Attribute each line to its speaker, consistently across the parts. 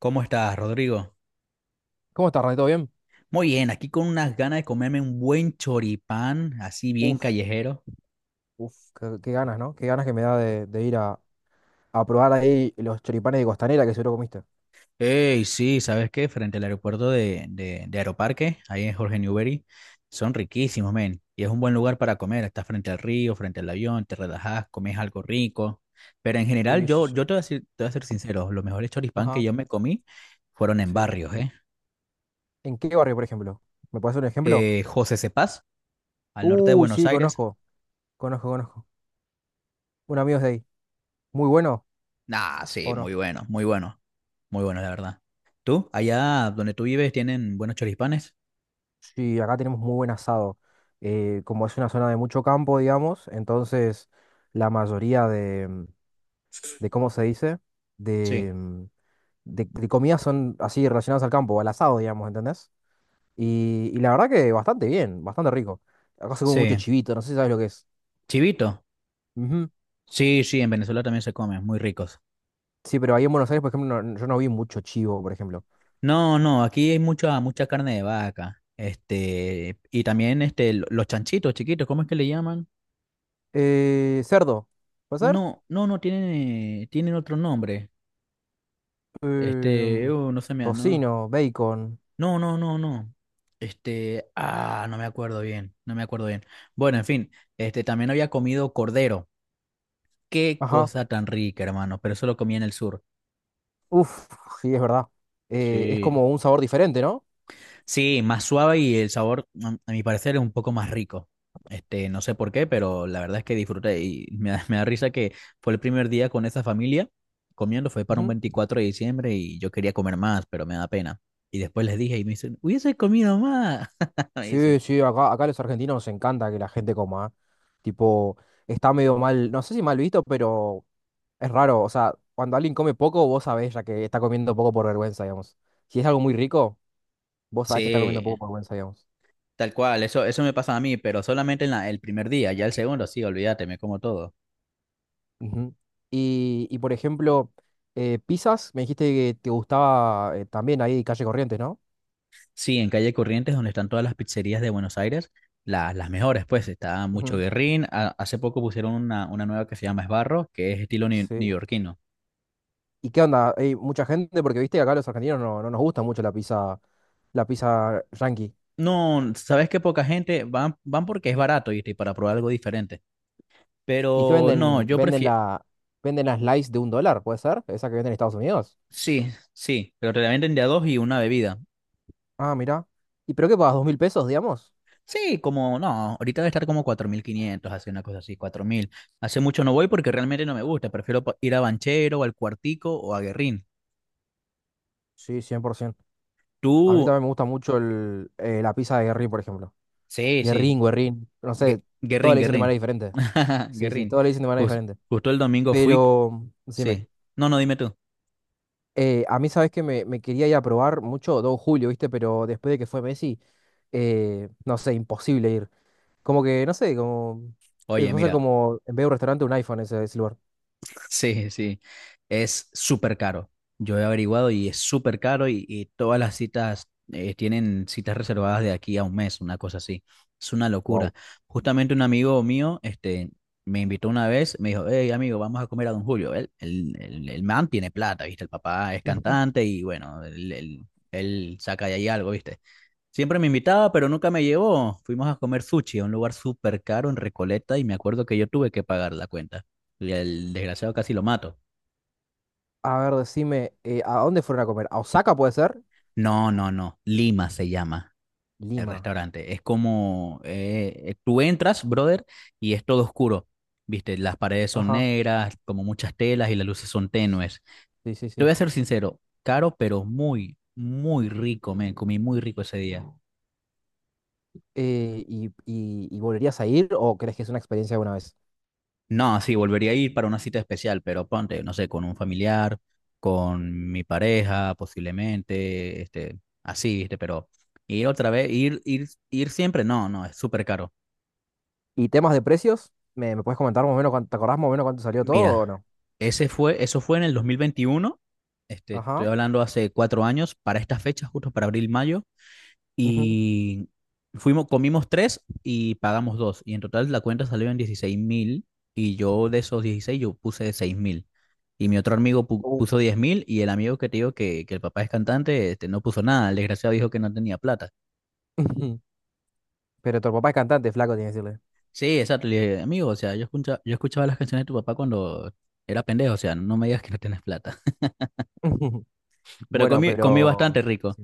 Speaker 1: ¿Cómo estás, Rodrigo?
Speaker 2: ¿Cómo estás, René? ¿Todo bien?
Speaker 1: Muy bien, aquí con unas ganas de comerme un buen choripán, así bien
Speaker 2: Uf,
Speaker 1: callejero.
Speaker 2: uf, qué ganas, ¿no? Qué ganas que me da de ir a probar ahí los choripanes de Costanera que seguro comiste.
Speaker 1: Ey, sí, ¿sabes qué? Frente al aeropuerto de Aeroparque, ahí en Jorge Newbery, son riquísimos, men. Y es un buen lugar para comer, estás frente al río, frente al avión, te relajas, comes algo rico. Pero en general,
Speaker 2: Sí, sí,
Speaker 1: yo,
Speaker 2: sí.
Speaker 1: yo te voy a decir- te voy a ser sincero, los mejores choripán que
Speaker 2: Ajá.
Speaker 1: yo me comí fueron en
Speaker 2: Sí.
Speaker 1: barrios, ¿eh?
Speaker 2: ¿En qué barrio, por ejemplo? ¿Me puedes hacer un ejemplo?
Speaker 1: José Cepaz, al norte de
Speaker 2: Uy,
Speaker 1: Buenos
Speaker 2: sí,
Speaker 1: Aires.
Speaker 2: conozco, conozco, conozco. Un amigo es de ahí. ¿Muy bueno
Speaker 1: Ah, sí,
Speaker 2: o no?
Speaker 1: muy bueno, muy bueno. Muy bueno la verdad. ¿Tú? Allá donde tú vives tienen buenos choripanes.
Speaker 2: Sí, acá tenemos muy buen asado. Como es una zona de mucho campo, digamos, entonces la mayoría de, de, ¿cómo se dice? De,
Speaker 1: Sí.
Speaker 2: de comidas son así relacionadas al campo, al asado, digamos, ¿entendés? Y la verdad que bastante bien, bastante rico. Acá se come mucho
Speaker 1: Sí.
Speaker 2: chivito, no sé si sabes lo que es.
Speaker 1: Chivito.
Speaker 2: Ujú.
Speaker 1: Sí, sí, en Venezuela también se comen, muy ricos.
Speaker 2: Sí, pero ahí en Buenos Aires, por ejemplo, no- yo no vi mucho chivo, por ejemplo.
Speaker 1: No, no, aquí hay mucha, mucha carne de vaca. Este, y también este, los chanchitos chiquitos, ¿cómo es que le llaman?
Speaker 2: Cerdo, ¿puede ser?
Speaker 1: No, no, no, tienen otro nombre. Este,
Speaker 2: Em,
Speaker 1: no se me, no.
Speaker 2: tocino, bacon.
Speaker 1: No, no, no, no. Este, ah, no me acuerdo bien, no me acuerdo bien. Bueno, en fin, este, también había comido cordero. Qué
Speaker 2: Ajá.
Speaker 1: cosa tan rica, hermano, pero eso lo comí en el sur.
Speaker 2: Uf, sí, es verdad. Es
Speaker 1: Sí.
Speaker 2: como un sabor diferente, ¿no?
Speaker 1: Sí, más suave y el sabor, mm, a mi parecer, es un poco más rico. Este, no sé por qué, pero la verdad es que disfruté y me da, me da risa que fue el primer día con esa familia comiendo, fue para un
Speaker 2: Ujú.
Speaker 1: 24 de diciembre y yo quería comer más, pero me da pena. Y después les dije y me dicen, hubiese comido más. Me dicen,
Speaker 2: Sí, sí, acá, acá a los argentinos nos encanta que la gente coma, ¿eh? Tipo, está medio mal, no sé si mal visto, pero es raro, o sea, cuando alguien come poco, vos sabés ya que está comiendo poco por vergüenza, digamos. Si es algo muy rico, vos sabés que está comiendo poco
Speaker 1: sí,
Speaker 2: por vergüenza, digamos.
Speaker 1: tal cual, eso me pasa a mí, pero solamente en el primer día, ya el segundo, sí, olvídate, me como todo.
Speaker 2: Ujú. Y, por ejemplo, pizzas, me dijiste que te gustaba, también ahí Calle Corrientes, ¿no?
Speaker 1: Sí, en calle Corrientes, donde están todas las pizzerías de Buenos Aires, las mejores, pues está Mucho
Speaker 2: Ujú.
Speaker 1: Guerrín. Hace poco pusieron una nueva que se llama Esbarro, que es estilo
Speaker 2: Sí.
Speaker 1: neoyorquino.
Speaker 2: ¿Y qué onda? ¿Hay mucha gente? Porque viste que acá los argentinos no, no nos gusta mucho la pizza yankee.
Speaker 1: No, sabes que poca gente van, van porque es barato, ¿viste? Y para probar algo diferente.
Speaker 2: ¿Y qué
Speaker 1: Pero no,
Speaker 2: venden?
Speaker 1: yo
Speaker 2: Venden
Speaker 1: prefiero.
Speaker 2: la, venden las slice de un dólar, ¿puede ser? Esa que venden en Estados Unidos.
Speaker 1: Sí, sí, pero te la venden de a dos y una bebida.
Speaker 2: Ah, mira. ¿Y pero qué pagas? ¿Dos mil pesos, digamos?
Speaker 1: Sí, como no, ahorita debe estar como 4.500, hace una cosa así, 4.000. Hace mucho no voy porque realmente no me gusta, prefiero ir a Banchero, o al Cuartico o a Guerrín.
Speaker 2: Sí, 100%. A mí
Speaker 1: Tú,
Speaker 2: también me gusta mucho el, la pizza de Guerrín, por ejemplo.
Speaker 1: sí, sí.
Speaker 2: Guerrín, Guerrín, no sé, todos
Speaker 1: Guerrín,
Speaker 2: le dicen de manera
Speaker 1: Guerrín.
Speaker 2: diferente. Sí, sí,
Speaker 1: Guerrín.
Speaker 2: todos le dicen de manera
Speaker 1: Jus-
Speaker 2: diferente.
Speaker 1: justo el domingo fui.
Speaker 2: Pero decime,
Speaker 1: Sí. No, no, dime tú.
Speaker 2: a mí sabes que me quería ir a probar mucho Don Julio, ¿viste? Pero después de que fue Messi, no sé, imposible ir. Como que no sé, como...
Speaker 1: Oye,
Speaker 2: empezó a ser
Speaker 1: mira.
Speaker 2: como, en vez de un restaurante, un iPhone ese, ese lugar.
Speaker 1: Sí, sí, es súper caro. Yo he averiguado y es súper caro y todas las citas, tienen citas reservadas de aquí a un mes, una cosa así. Es una locura.
Speaker 2: Wow.
Speaker 1: Justamente un amigo mío, este, me invitó una vez, me dijo, hey amigo, vamos a comer a Don Julio. Él, el man tiene plata, ¿viste? El papá es
Speaker 2: Ujú.
Speaker 1: cantante y bueno, él saca de ahí algo, ¿viste? Siempre me invitaba, pero nunca me llevó. Fuimos a comer sushi a un lugar súper caro en Recoleta y me acuerdo que yo tuve que pagar la cuenta. Y el desgraciado casi lo mato.
Speaker 2: A ver, decime, ¿a dónde fueron a comer? ¿A Osaka puede ser?
Speaker 1: No, no, no. Lima se llama el
Speaker 2: Lima.
Speaker 1: restaurante. Es como, tú entras, brother, y es todo oscuro. Viste, las paredes son
Speaker 2: Ajá.
Speaker 1: negras, como muchas telas y las luces son tenues.
Speaker 2: Sí, sí,
Speaker 1: Te
Speaker 2: sí.
Speaker 1: voy a ser sincero, caro, pero muy, muy rico, me comí muy rico ese día.
Speaker 2: Y, y ¿volverías a ir o crees que es una experiencia de una vez?
Speaker 1: No, sí, volvería a ir para una cita especial, pero ponte, no sé, con un familiar, con mi pareja, posiblemente, este, así, este, pero ir otra vez, ir siempre, no, no, es súper caro.
Speaker 2: ¿Y temas de precios? ¿Me, me puedes comentar más o menos cuánto, te acordás más o menos cuánto salió todo
Speaker 1: Mira,
Speaker 2: o no?
Speaker 1: eso fue en el 2021, este, estoy
Speaker 2: Ajá.
Speaker 1: hablando hace 4 años, para estas fechas, justo para abril, mayo,
Speaker 2: Ujú.
Speaker 1: y fuimos, comimos tres y pagamos dos. Y en total la cuenta salió en 16.000 y yo de esos 16 yo puse 6.000. Y mi otro amigo
Speaker 2: Uh.
Speaker 1: puso 10.000 y el amigo que te digo que el papá es cantante este, no puso nada. El desgraciado dijo que no tenía plata.
Speaker 2: Pero tu papá es cantante, flaco, tiene que decirle.
Speaker 1: Sí, exacto. Le dije, amigo, o sea, yo escuchaba las canciones de tu papá cuando era pendejo. O sea, no me digas que no tienes plata. Pero
Speaker 2: Bueno,
Speaker 1: comí, comí
Speaker 2: pero...
Speaker 1: bastante rico.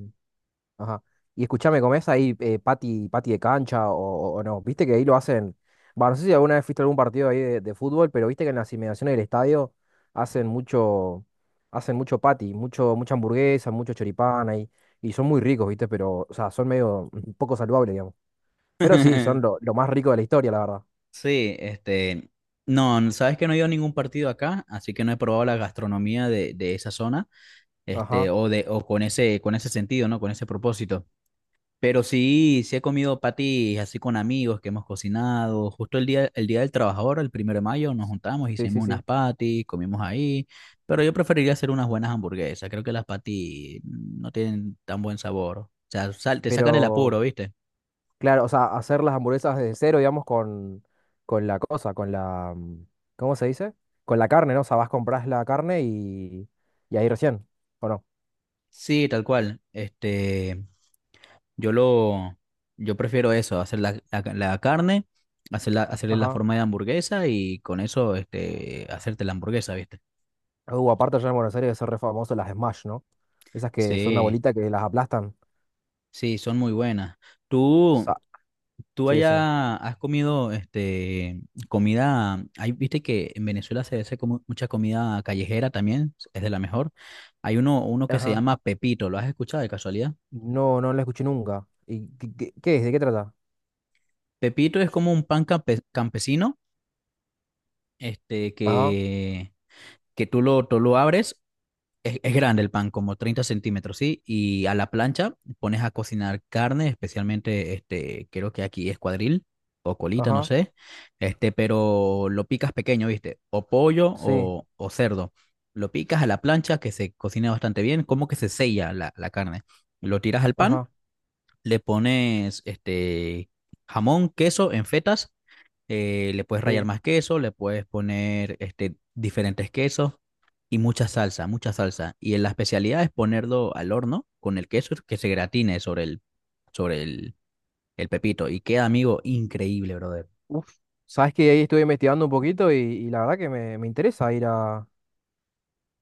Speaker 2: Ajá. Y escúchame, ¿comés ahí, pati, pati de cancha o no? Viste que ahí lo hacen. Bah, no sé si alguna vez fuiste a algún partido ahí de fútbol, pero viste que en las inmediaciones del estadio hacen mucho, hacen mucho pati, mucho, mucha hamburguesa, mucho choripán ahí. Y son muy ricos, ¿viste? Pero, o sea, son medio poco saludables, digamos. Pero sí, son lo más rico de la historia, la verdad.
Speaker 1: Sí, este... No, sabes que no he ido a ningún partido acá, así que no he probado la gastronomía de esa zona. Este,
Speaker 2: Ajá.
Speaker 1: o, de, o con ese, sentido, ¿no? Con ese propósito. Pero sí, sí he comido patis así con amigos que hemos cocinado. Justo el día del trabajador, el 1 de mayo, nos juntamos,
Speaker 2: Sí, sí,
Speaker 1: hicimos unas
Speaker 2: sí.
Speaker 1: patis, comimos ahí. Pero yo preferiría hacer unas buenas hamburguesas. Creo que las patis no tienen tan buen sabor. O sea, te sacan el apuro,
Speaker 2: Pero...
Speaker 1: ¿viste?
Speaker 2: claro, o sea, hacer las hamburguesas desde cero, digamos, con la cosa, con la... ¿cómo se dice? Con la carne, ¿no? O sea, vas, compras la carne y ahí recién, ¿o no?
Speaker 1: Sí, tal cual. Este, Yo lo, yo prefiero eso, hacer la carne, hacerla, hacerle la
Speaker 2: Ajá.
Speaker 1: forma de hamburguesa y con eso, este, hacerte la hamburguesa, ¿viste?
Speaker 2: Aparte allá en Buenos Aires son re famosos las Smash, ¿no? Esas que son una
Speaker 1: Sí,
Speaker 2: bolita que las aplastan.
Speaker 1: sí, son muy buenas. Tú,
Speaker 2: Sa-
Speaker 1: tú
Speaker 2: sí, decime.
Speaker 1: allá has comido, este, comida, hay, viste que en Venezuela se hace como mucha comida callejera también, es de la mejor. Hay uno que se
Speaker 2: Ajá.
Speaker 1: llama Pepito, ¿lo has escuchado de casualidad?
Speaker 2: No, no la escuché nunca. ¿Y qué, qué- qué es? ¿De qué trata?
Speaker 1: Pepito es como un pan campesino, este,
Speaker 2: Ajá,
Speaker 1: que tú lo abres. Es grande el pan, como 30 centímetros, ¿sí? Y a la plancha pones a cocinar carne, especialmente, este, creo que aquí es cuadril o colita, no
Speaker 2: ajá,
Speaker 1: sé, este, pero lo picas pequeño, ¿viste? O pollo
Speaker 2: sí,
Speaker 1: o cerdo. Lo picas a la plancha que se cocina bastante bien, como que se sella la carne. Lo tiras al pan,
Speaker 2: ajá,
Speaker 1: le pones este jamón, queso en fetas, le puedes rallar
Speaker 2: sí.
Speaker 1: más queso, le puedes poner este, diferentes quesos y mucha salsa, mucha salsa. Y la especialidad es ponerlo al horno con el queso que se gratine sobre el pepito. Y queda, amigo, increíble, brother.
Speaker 2: Uf. Sabes que ahí estuve investigando un poquito y la verdad que me interesa ir a,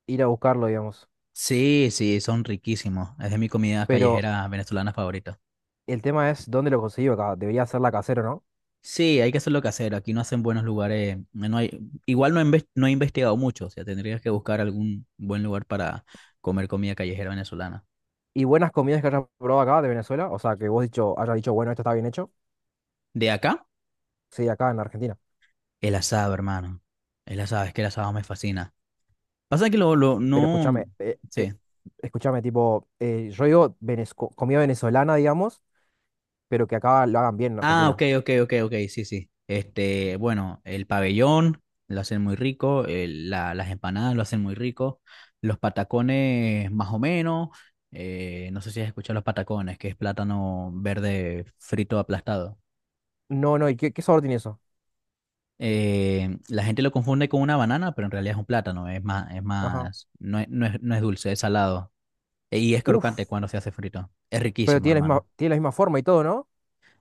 Speaker 2: ir a buscarlo, digamos.
Speaker 1: Sí, sí, son riquísimos. Es de mi comida
Speaker 2: Pero
Speaker 1: callejera venezolana favorita.
Speaker 2: el tema es dónde lo conseguí acá. Debería ser la casero, ¿no?
Speaker 1: Sí, hay que hacerlo casero. Aquí no hacen buenos lugares. No hay, igual no he investigado mucho. O sea, tendrías que buscar algún buen lugar para comer comida callejera venezolana.
Speaker 2: Y buenas comidas que hayas probado acá de Venezuela. O sea, que vos dicho, hayas dicho, bueno, esto está bien hecho.
Speaker 1: ¿De acá?
Speaker 2: Sí, acá en Argentina.
Speaker 1: El asado, hermano. El asado, es que el asado me fascina. Pasa que
Speaker 2: Pero
Speaker 1: no,
Speaker 2: escúchame,
Speaker 1: sí.
Speaker 2: escúchame, tipo, yo digo venez- co- comida venezolana, digamos, pero que acá lo hagan bien en
Speaker 1: Ah, ok,
Speaker 2: Argentina.
Speaker 1: ok, ok, ok, sí, sí. Este, bueno, el pabellón lo hacen muy rico, las empanadas lo hacen muy rico, los patacones más o menos, no sé si has escuchado los patacones, que es plátano verde frito aplastado.
Speaker 2: No, no, ¿y qué, qué sabor tiene eso?
Speaker 1: La gente lo confunde con una banana, pero en realidad es un plátano, es
Speaker 2: Ajá.
Speaker 1: más, no es, no es, no es dulce, es salado. Y es crocante
Speaker 2: Uf,
Speaker 1: cuando se hace frito. Es
Speaker 2: pero
Speaker 1: riquísimo, hermano.
Speaker 2: tiene la misma forma y todo, ¿no?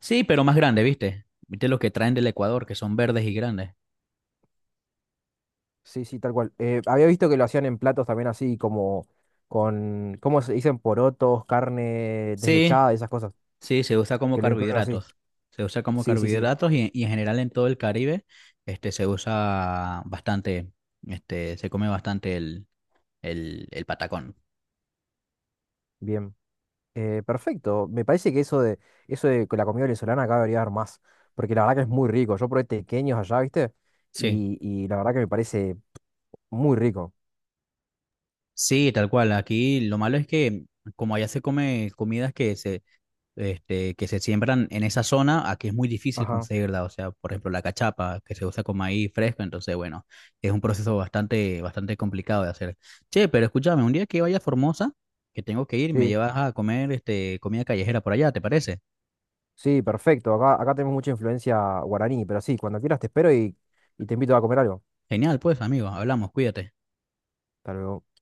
Speaker 1: Sí, pero más grande, ¿viste? ¿Viste los que traen del Ecuador, que son verdes y grandes?
Speaker 2: Sí, sí, tal cual. Había visto que lo hacían en platos también así, como con, ¿cómo se dicen? Porotos, carne
Speaker 1: Sí,
Speaker 2: desmechada, esas cosas,
Speaker 1: sí, se usa como
Speaker 2: que lo incluyen así.
Speaker 1: carbohidratos. Se usa como
Speaker 2: Sí, sí, sí.
Speaker 1: carbohidratos y en general en todo el Caribe, este, se usa bastante, este, se come bastante el patacón.
Speaker 2: Bien, perfecto. Me parece que eso de que la comida venezolana acá debería haber más, porque la verdad que es muy rico. Yo probé tequeños allá, ¿viste?
Speaker 1: Sí,
Speaker 2: Y la verdad que me parece muy rico.
Speaker 1: sí, tal cual. Aquí lo malo es que como allá se come comidas que se siembran en esa zona, aquí es muy difícil
Speaker 2: Ajá,
Speaker 1: conseguirla. O sea, por ejemplo, la cachapa, que se usa con maíz fresco, entonces, bueno, es un proceso bastante, bastante complicado de hacer. Che, pero escúchame, un día que vaya a Formosa, que tengo que ir, me
Speaker 2: sí,
Speaker 1: llevas a comer este, comida callejera por allá, ¿te parece?
Speaker 2: sí, perfecto. Acá, acá tenemos mucha influencia guaraní, pero sí, cuando quieras te espero y te invito a comer algo.
Speaker 1: Genial, pues, amigo, hablamos, cuídate.
Speaker 2: Tal vez